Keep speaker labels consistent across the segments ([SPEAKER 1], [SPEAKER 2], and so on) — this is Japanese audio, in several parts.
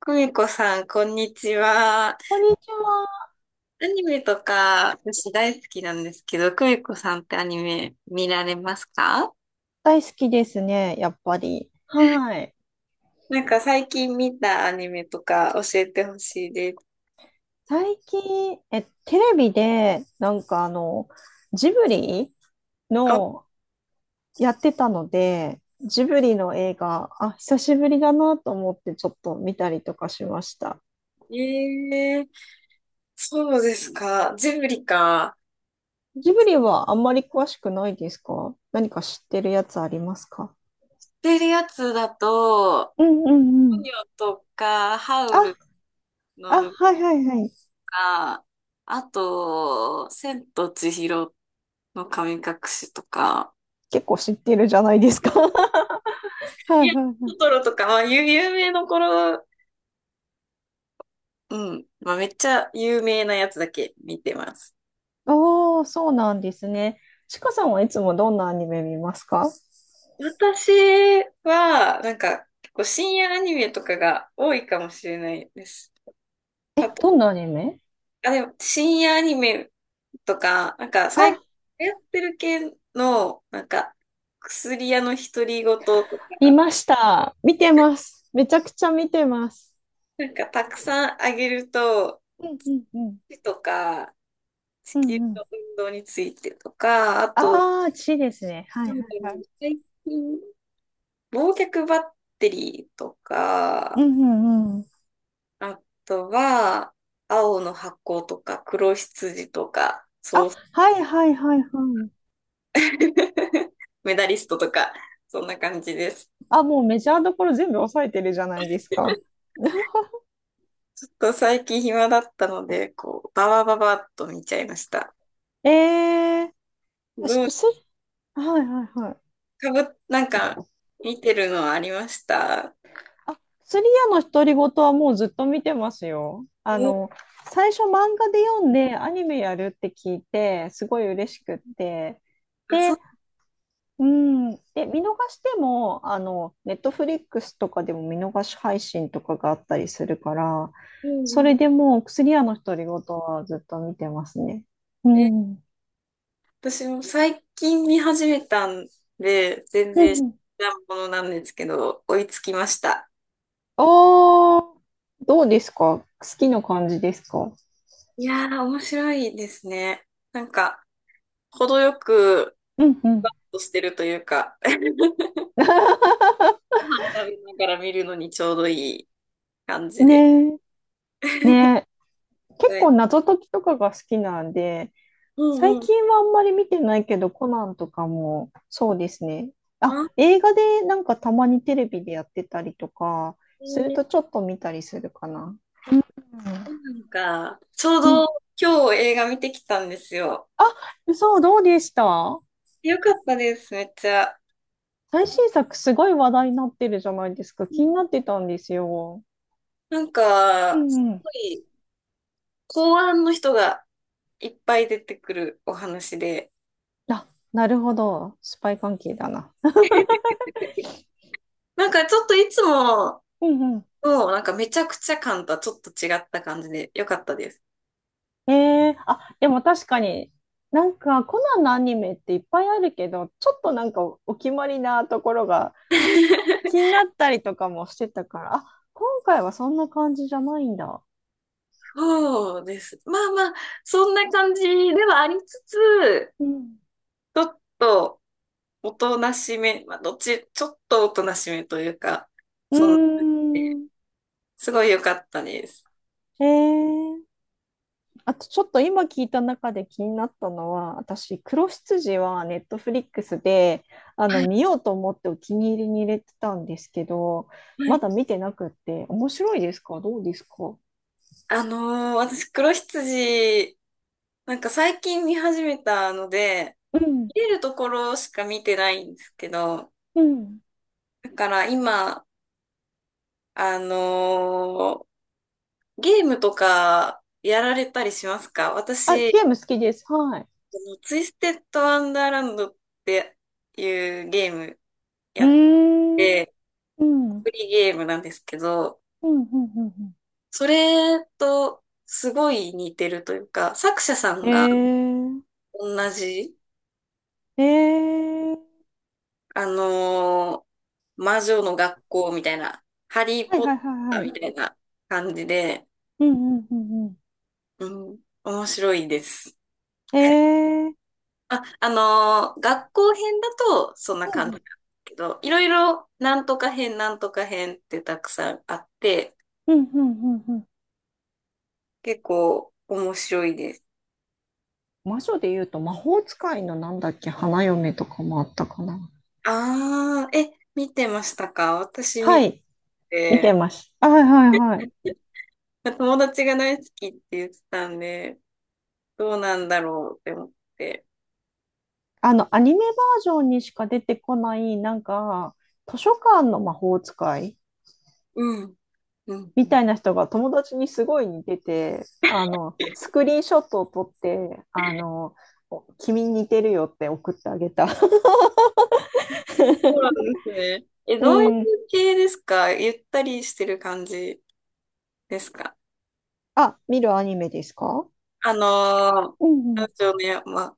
[SPEAKER 1] 久美子さん、こんにちは。ア
[SPEAKER 2] こんにちは。
[SPEAKER 1] ニメとか、私大好きなんですけど、久美子さんってアニメ見られますか？
[SPEAKER 2] 大好きですね、やっぱり。はい。
[SPEAKER 1] なんか最近見たアニメとか教えてほしいです。
[SPEAKER 2] 最近、テレビで、なんかジブリ
[SPEAKER 1] あ、
[SPEAKER 2] のやってたので、ジブリの映画、あ、久しぶりだなと思ってちょっと見たりとかしました。
[SPEAKER 1] ええ、そうですか。ジブリか。言っ
[SPEAKER 2] ジブリはあんまり詳しくないですか？何か知ってるやつありますか？
[SPEAKER 1] てるやつだと、
[SPEAKER 2] うんうんう
[SPEAKER 1] ポ
[SPEAKER 2] ん。
[SPEAKER 1] ニョとか、ハウ
[SPEAKER 2] あ、
[SPEAKER 1] ル
[SPEAKER 2] あ、
[SPEAKER 1] の
[SPEAKER 2] はいはいはい。
[SPEAKER 1] か、あと、千と千尋の神隠しとか、
[SPEAKER 2] 結構知ってるじゃないですか。はいは
[SPEAKER 1] い
[SPEAKER 2] い
[SPEAKER 1] や、
[SPEAKER 2] は
[SPEAKER 1] ト
[SPEAKER 2] い。
[SPEAKER 1] トロとか、まあ、有名どころ、うん。まあ、めっちゃ有名なやつだけ見てます。
[SPEAKER 2] おー、そうなんですね。ちかさんはいつもどんなアニメ見ますか？
[SPEAKER 1] 私は、なんか、結構深夜アニメとかが多いかもしれないです。
[SPEAKER 2] え、
[SPEAKER 1] あと、
[SPEAKER 2] どんなアニメ？
[SPEAKER 1] あ、でも、深夜アニメとか、なんか、最近
[SPEAKER 2] あ、
[SPEAKER 1] 流行ってる系の、なんか、薬屋の独り言とか、
[SPEAKER 2] 見ました。見てます。めちゃくちゃ見てます。
[SPEAKER 1] なんか、たくさんあげると、
[SPEAKER 2] うんうんうん。
[SPEAKER 1] 手とか、地
[SPEAKER 2] う
[SPEAKER 1] 球
[SPEAKER 2] んう
[SPEAKER 1] の
[SPEAKER 2] ん。
[SPEAKER 1] 運動についてとか、あと、
[SPEAKER 2] ああ、ちですね。はい
[SPEAKER 1] な
[SPEAKER 2] は
[SPEAKER 1] んだ
[SPEAKER 2] いは
[SPEAKER 1] ろう、
[SPEAKER 2] い。
[SPEAKER 1] 最近、忘却バッテリーと
[SPEAKER 2] うん
[SPEAKER 1] か、
[SPEAKER 2] うんうん。
[SPEAKER 1] あとは、青の箱とか、黒羊とか、
[SPEAKER 2] あ、
[SPEAKER 1] そう、
[SPEAKER 2] はいはいはいはい。
[SPEAKER 1] メダリストとか、そんな感じです。
[SPEAKER 2] あ、もうメジャーどころ全部抑えてるじゃないですか。
[SPEAKER 1] ちょっと最近暇だったので、こう、ババババッと見ちゃいました。
[SPEAKER 2] えー、私、
[SPEAKER 1] どう、
[SPEAKER 2] 薬はいはいはい。
[SPEAKER 1] かぶ、なんか、見てるのありました？
[SPEAKER 2] あ、薬屋の独り言はもうずっと見てますよ。
[SPEAKER 1] お、
[SPEAKER 2] 最初漫画で読んでアニメやるって聞いて、すごい嬉しくって。
[SPEAKER 1] あ、そ
[SPEAKER 2] で、
[SPEAKER 1] う、
[SPEAKER 2] うん。で、見逃しても、ネットフリックスとかでも見逃し配信とかがあったりするから、
[SPEAKER 1] う
[SPEAKER 2] そ
[SPEAKER 1] んう
[SPEAKER 2] れ
[SPEAKER 1] ん。
[SPEAKER 2] でもう、ク屋の独り言はずっと見てますね。う
[SPEAKER 1] で、
[SPEAKER 2] ん。
[SPEAKER 1] 私も最近見始めたんで、全
[SPEAKER 2] う
[SPEAKER 1] 然知
[SPEAKER 2] ん。
[SPEAKER 1] らんものなんですけど、追いつきました。
[SPEAKER 2] おー、どうですか？好きな感じですか？
[SPEAKER 1] いやー、面白いですね。なんか、程よく、
[SPEAKER 2] うんうん。
[SPEAKER 1] としてるというか、ご飯食べながら見るのにちょうどいい感じで。
[SPEAKER 2] ねえ、ね、結
[SPEAKER 1] はい。
[SPEAKER 2] 構謎解きとかが好きなんで、
[SPEAKER 1] う
[SPEAKER 2] 最
[SPEAKER 1] んうん。
[SPEAKER 2] 近はあんまり見てないけど、コナンとかもそうですね。あ、
[SPEAKER 1] あ、
[SPEAKER 2] 映画でなんかたまにテレビでやってたりとか、
[SPEAKER 1] え
[SPEAKER 2] する
[SPEAKER 1] ー
[SPEAKER 2] とちょっと見たりするかな。
[SPEAKER 1] なんか、ちょう
[SPEAKER 2] う
[SPEAKER 1] ど
[SPEAKER 2] ん
[SPEAKER 1] 今日映画見てきたんですよ。
[SPEAKER 2] うん。そう、どうでした？
[SPEAKER 1] よかったです、めっちゃ。
[SPEAKER 2] 最新作すごい話題になってるじゃないですか。
[SPEAKER 1] う
[SPEAKER 2] 気
[SPEAKER 1] ん、
[SPEAKER 2] になってたんですよ。
[SPEAKER 1] なん
[SPEAKER 2] う
[SPEAKER 1] か、す
[SPEAKER 2] んうん。
[SPEAKER 1] ごい、公安の人がいっぱい出てくるお話で、
[SPEAKER 2] あ、なるほど。スパイ関係だな。
[SPEAKER 1] なんかちょっといつも
[SPEAKER 2] うんうん。
[SPEAKER 1] の、なんかめちゃくちゃ感とはちょっと違った感じでよかったです。
[SPEAKER 2] ええ、あ、でも確かに、なんかコナンのアニメっていっぱいあるけど、ちょっとなんかお決まりなところが気になったりとかもしてたから、あ、今回はそんな感じじゃないんだ。
[SPEAKER 1] そうです。まあまあ、そんな感じではありつつ、
[SPEAKER 2] うん。
[SPEAKER 1] ちょっとおとなしめ、まあ、どっち、ちょっとおとなしめというか、
[SPEAKER 2] うー
[SPEAKER 1] そんな、
[SPEAKER 2] ん。
[SPEAKER 1] すごい良かったです。
[SPEAKER 2] ええ、あとちょっと今聞いた中で気になったのは、私、黒羊はネットフリックスで、
[SPEAKER 1] はい、
[SPEAKER 2] 見ようと思ってお気に入りに入れてたんですけど、
[SPEAKER 1] は
[SPEAKER 2] ま
[SPEAKER 1] い。
[SPEAKER 2] だ見てなくって、面白いですか？どうですか？
[SPEAKER 1] あの私、黒羊、なんか最近見始めたので、
[SPEAKER 2] うん。
[SPEAKER 1] 見れるところしか見てないんですけど、
[SPEAKER 2] うん。
[SPEAKER 1] だから今、あのーゲームとかやられたりしますか？
[SPEAKER 2] あ、
[SPEAKER 1] 私、
[SPEAKER 2] ゲーム好きです。はい。
[SPEAKER 1] のツイステッドワンダーランドっていうゲーム
[SPEAKER 2] う
[SPEAKER 1] や
[SPEAKER 2] ー
[SPEAKER 1] っ
[SPEAKER 2] ん。
[SPEAKER 1] て、
[SPEAKER 2] う
[SPEAKER 1] ア
[SPEAKER 2] ん。うん。
[SPEAKER 1] プリーゲームなんですけど、
[SPEAKER 2] うん。うん
[SPEAKER 1] それとすごい似てるというか、作者さ
[SPEAKER 2] う
[SPEAKER 1] ん
[SPEAKER 2] ん、
[SPEAKER 1] が
[SPEAKER 2] え
[SPEAKER 1] 同じ、
[SPEAKER 2] ー、えー、
[SPEAKER 1] あのー魔女の学校みたいな、ハリー
[SPEAKER 2] はい
[SPEAKER 1] ポ
[SPEAKER 2] は
[SPEAKER 1] ッ
[SPEAKER 2] いは
[SPEAKER 1] ター
[SPEAKER 2] いはい。
[SPEAKER 1] みたいな感じで、
[SPEAKER 2] うん。うん。うんうん、
[SPEAKER 1] うん、面白いです。
[SPEAKER 2] えー、
[SPEAKER 1] あ、学校編だとそんな
[SPEAKER 2] う
[SPEAKER 1] 感じなん
[SPEAKER 2] ん。
[SPEAKER 1] ですけど、いろいろなんとか編、なんとか編ってたくさんあって、
[SPEAKER 2] うん。うん。うんうん。
[SPEAKER 1] 結構面白いです。
[SPEAKER 2] 魔女で言うと魔法使いのなんだっけ、花嫁とかもあったかな。
[SPEAKER 1] ああ、え、見てましたか？私
[SPEAKER 2] は
[SPEAKER 1] 見
[SPEAKER 2] い、見て
[SPEAKER 1] て、
[SPEAKER 2] ます。あ、はいはいはい。
[SPEAKER 1] 友達が大好きって言ってたんで、どうなんだろうって思って。
[SPEAKER 2] アニメバージョンにしか出てこない、なんか、図書館の魔法使い
[SPEAKER 1] うん。うん。
[SPEAKER 2] みたいな人が友達にすごい似てて、スクリーンショットを撮って、君に似てるよって送ってあげた。
[SPEAKER 1] そうな んですね。え、
[SPEAKER 2] う
[SPEAKER 1] どういう
[SPEAKER 2] ん。
[SPEAKER 1] 系ですか？ゆったりしてる感じですか？
[SPEAKER 2] あ、見るアニメですか？
[SPEAKER 1] あの
[SPEAKER 2] うんう
[SPEAKER 1] ラ
[SPEAKER 2] ん。
[SPEAKER 1] ジオの山。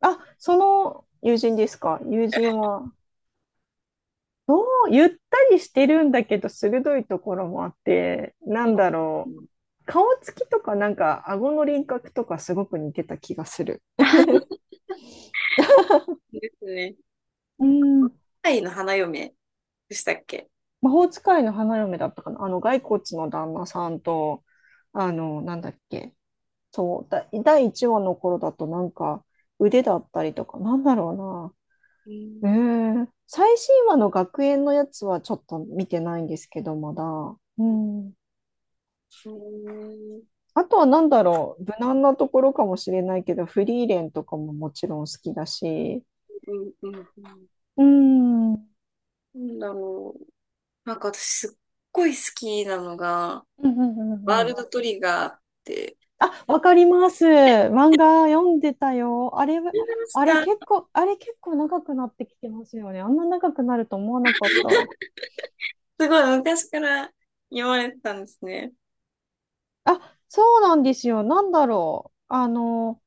[SPEAKER 2] あ、その友人ですか？友人は、もうゆったりしてるんだけど、鋭いところもあって、な
[SPEAKER 1] う
[SPEAKER 2] んだろう。
[SPEAKER 1] ん、
[SPEAKER 2] 顔つきとか、なんか、顎の輪郭とかすごく似てた気がする。
[SPEAKER 1] ですね。愛の花嫁でしたっけ？
[SPEAKER 2] 魔法使いの花嫁だったかな。骸骨の旦那さんと、なんだっけ。そう、だ、第1話の頃だとなんか腕だったりとか、なんだろ
[SPEAKER 1] う
[SPEAKER 2] うな。
[SPEAKER 1] ん。
[SPEAKER 2] ええ、最新話の学園のやつはちょっと見てないんですけど、まだ。うん。
[SPEAKER 1] うん。
[SPEAKER 2] あとはなんだろう。無難なところかもしれないけど、フリーレンとかももちろん好きだし。
[SPEAKER 1] うん。うん。うん、
[SPEAKER 2] うん。うん
[SPEAKER 1] なんだろう。なんか私すっごい好きなのが、
[SPEAKER 2] うんう
[SPEAKER 1] ワー
[SPEAKER 2] んう
[SPEAKER 1] ル
[SPEAKER 2] ん、
[SPEAKER 1] ドトリガーって、
[SPEAKER 2] あ、わかります。漫画読んでたよ。あれ、
[SPEAKER 1] 出まし
[SPEAKER 2] あれ結
[SPEAKER 1] た。
[SPEAKER 2] 構、あれ結構長くなってきてますよね。あんな長くなると思わなかった。
[SPEAKER 1] すごい昔から言われてたんですね。
[SPEAKER 2] あ、そうなんですよ。なんだろう。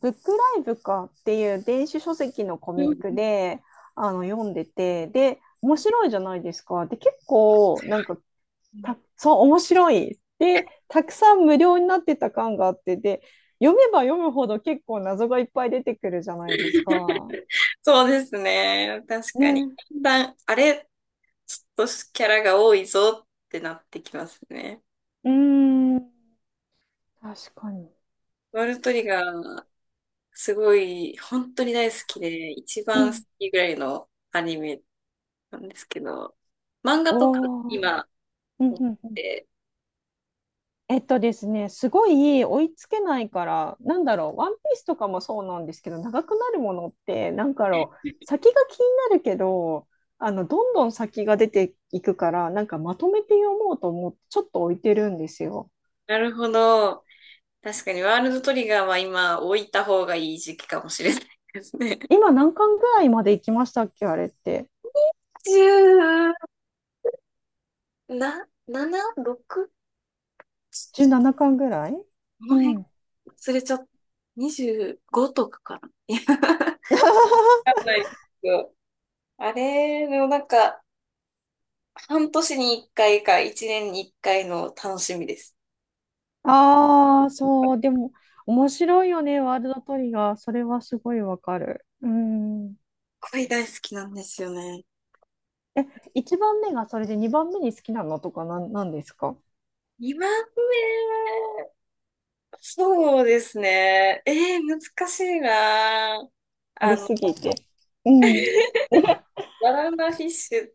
[SPEAKER 2] ブックライブかっていう電子書籍のコミ
[SPEAKER 1] う
[SPEAKER 2] ッ
[SPEAKER 1] ん、
[SPEAKER 2] クで、読んでて、で、面白いじゃないですか。で、結構、なんか、そう、面白い。で、たくさん無料になってた感があって、で、読めば読むほど結構謎がいっぱい出てくるじゃないですか。
[SPEAKER 1] そうですね。確かに。
[SPEAKER 2] ね。
[SPEAKER 1] だんだん、あれ、ちょっとキャラが多いぞってなってきますね。
[SPEAKER 2] うーん、確かに。
[SPEAKER 1] ワールドトリガー、すごい、本当に大好きで、一
[SPEAKER 2] う
[SPEAKER 1] 番好
[SPEAKER 2] ん、
[SPEAKER 1] きぐらいのアニメなんですけど、漫画とか
[SPEAKER 2] おー。
[SPEAKER 1] 今、
[SPEAKER 2] うん、
[SPEAKER 1] 持っ
[SPEAKER 2] う
[SPEAKER 1] て
[SPEAKER 2] ん、うん。
[SPEAKER 1] て、
[SPEAKER 2] えっとですね、すごい追いつけないから、なんだろう、ワンピースとかもそうなんですけど、長くなるものって、なんかろう、先が気になるけど、どんどん先が出ていくから、なんかまとめて読もうと思って、ちょっと置いてるんですよ。
[SPEAKER 1] なるほど。確かにワールドトリガーは今置いた方がいい時期かもしれないですね。
[SPEAKER 2] 今何巻ぐらいまで行きましたっけ、あれって。
[SPEAKER 1] 10な、7、6？
[SPEAKER 2] 17巻ぐらい。
[SPEAKER 1] この
[SPEAKER 2] う
[SPEAKER 1] 辺
[SPEAKER 2] ん。
[SPEAKER 1] 忘れちゃった。25とかかな。いや、わか んないですよ。あれのなんか、半年に一回か一年に一回の楽しみです。
[SPEAKER 2] ああ、そう、でも、面白いよね、ワールドトリガー。それはすごいわかる。うん。
[SPEAKER 1] 恋大好きなんですよね。
[SPEAKER 2] え、1番目がそれで2番目に好きなのとかなん、ですか？
[SPEAKER 1] 2番目、そうですね。難しいな。
[SPEAKER 2] あ
[SPEAKER 1] あ
[SPEAKER 2] り
[SPEAKER 1] の、
[SPEAKER 2] すぎて。うん。
[SPEAKER 1] バナナフィッシュっっ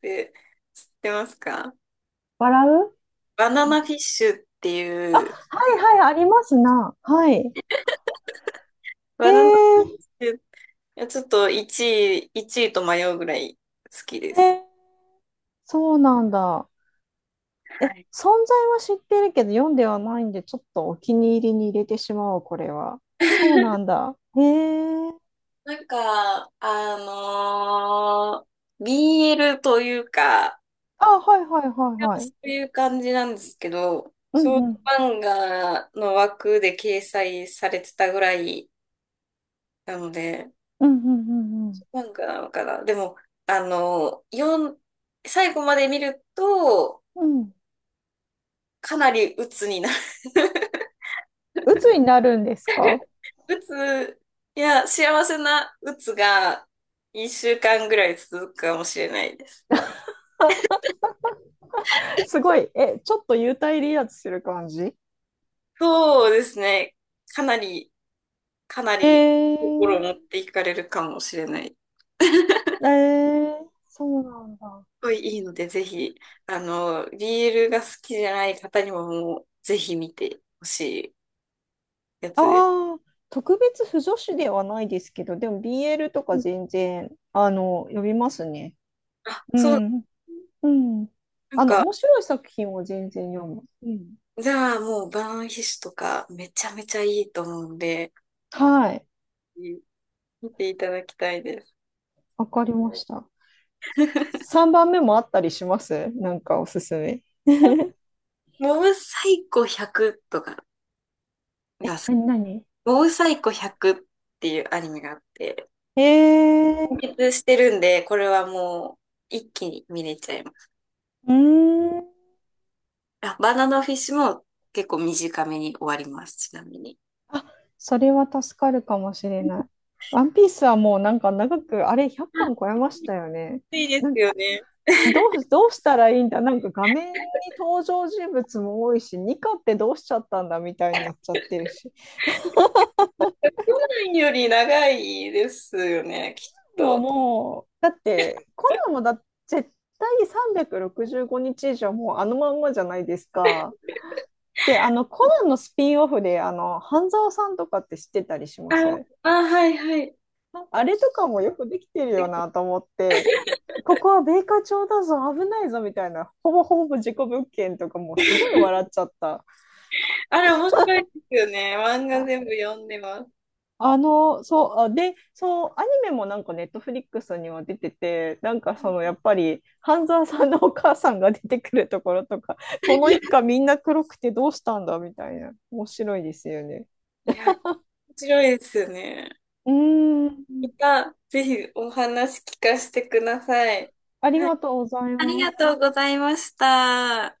[SPEAKER 1] て知ってますか？
[SPEAKER 2] 笑う、
[SPEAKER 1] バナナフィッシュって
[SPEAKER 2] あ、
[SPEAKER 1] いう、
[SPEAKER 2] はいはい、ありますな。はい。え
[SPEAKER 1] バ
[SPEAKER 2] ー、
[SPEAKER 1] ナナフィッシュ、いやちょっと1位、1位と迷うぐらい好きで
[SPEAKER 2] え
[SPEAKER 1] す。
[SPEAKER 2] ー、そうなんだ。
[SPEAKER 1] は
[SPEAKER 2] え、存
[SPEAKER 1] い。
[SPEAKER 2] 在は知ってるけど読んではないんで、ちょっとお気に入りに入れてしまおう、これは。そうな んだ。えー、
[SPEAKER 1] なんか、BL というか、
[SPEAKER 2] あ、はいはいはいは
[SPEAKER 1] そ
[SPEAKER 2] い。
[SPEAKER 1] ういう感じなんですけど、
[SPEAKER 2] うん
[SPEAKER 1] 少女
[SPEAKER 2] うん。
[SPEAKER 1] 漫画の枠で掲載されてたぐらいなので、
[SPEAKER 2] うんうんうん
[SPEAKER 1] 漫画なのかな。でも、あの、最後まで見ると、
[SPEAKER 2] うん。うん。
[SPEAKER 1] かなり鬱になる。
[SPEAKER 2] 鬱になるんですか？
[SPEAKER 1] 鬱、いや、幸せな鬱が一週間ぐらい続くかもしれないです。
[SPEAKER 2] すごい、え、ちょっと幽体離脱する感じ？
[SPEAKER 1] そうですね。かなり、かな
[SPEAKER 2] え
[SPEAKER 1] り心を
[SPEAKER 2] ー、
[SPEAKER 1] 持っていかれるかもしれない。す
[SPEAKER 2] えー、そうなんだ。あ
[SPEAKER 1] ごいいいので、ぜひ、あの、ビールが好きじゃない方にももう、ぜひ見てほしいやつです。
[SPEAKER 2] あ、特別不女子ではないですけど、でも BL と
[SPEAKER 1] う
[SPEAKER 2] か
[SPEAKER 1] ん、
[SPEAKER 2] 全然、読みますね。
[SPEAKER 1] あ、
[SPEAKER 2] う
[SPEAKER 1] そう、
[SPEAKER 2] ん。うん。
[SPEAKER 1] なんか、
[SPEAKER 2] 面白い作品を全然読む。うん。
[SPEAKER 1] じゃあもう、バーンヒシュとか、めちゃめちゃいいと思うんで、
[SPEAKER 2] はい。
[SPEAKER 1] 見ていただきたいです。
[SPEAKER 2] わかりました。3番目もあったりします？なんかおすすめ。
[SPEAKER 1] モブサイコ100とかが好き。
[SPEAKER 2] なに？
[SPEAKER 1] モブサイコ100っていうアニメがあって、
[SPEAKER 2] えー、
[SPEAKER 1] 完結してるんで、これはもう一気に見れちゃいます。
[SPEAKER 2] うーん。
[SPEAKER 1] あ、バナナフィッシュも結構短めに終わります、ちなみに。
[SPEAKER 2] あ、それは助かるかもしれない。ワンピースはもうなんか長く、あれ100巻超えましたよね。
[SPEAKER 1] 暑いで
[SPEAKER 2] なん
[SPEAKER 1] す
[SPEAKER 2] か
[SPEAKER 1] よね。
[SPEAKER 2] どうしたらいいんだ、なんか画面に登場人物も多いし、ニカってどうしちゃったんだみたいになっちゃってるし。
[SPEAKER 1] 1より長いですよね、きっ
[SPEAKER 2] もう
[SPEAKER 1] と。
[SPEAKER 2] もう、だってコナンもだ、絶対365日以上もうあのまんまじゃないですか。で、あのコナンのスピンオフで、半沢さんとかって知ってたりし
[SPEAKER 1] あ、
[SPEAKER 2] ます？
[SPEAKER 1] あ、はいはい。
[SPEAKER 2] あれとかもよくできてるよ
[SPEAKER 1] で、
[SPEAKER 2] なと思って、ここは米花町だぞ、危ないぞみたいな、ほぼほぼ事故物件とかもすごい笑っちゃった。
[SPEAKER 1] あれ面白いですよね。漫画
[SPEAKER 2] あ
[SPEAKER 1] 全部読んでます。
[SPEAKER 2] あの、そう、あで、そう、アニメもなんかネットフリックスには出てて、なんかそのやっぱり、半沢さんのお母さんが出てくるところとか、この一家みんな黒くてどうしたんだみたいな、面白いですよね。
[SPEAKER 1] いや、面白いですよね。
[SPEAKER 2] うー
[SPEAKER 1] ま
[SPEAKER 2] ん、
[SPEAKER 1] た、ぜひお話聞かせてください。
[SPEAKER 2] ありがとうござい
[SPEAKER 1] あり
[SPEAKER 2] ま
[SPEAKER 1] が
[SPEAKER 2] す。
[SPEAKER 1] とうございました。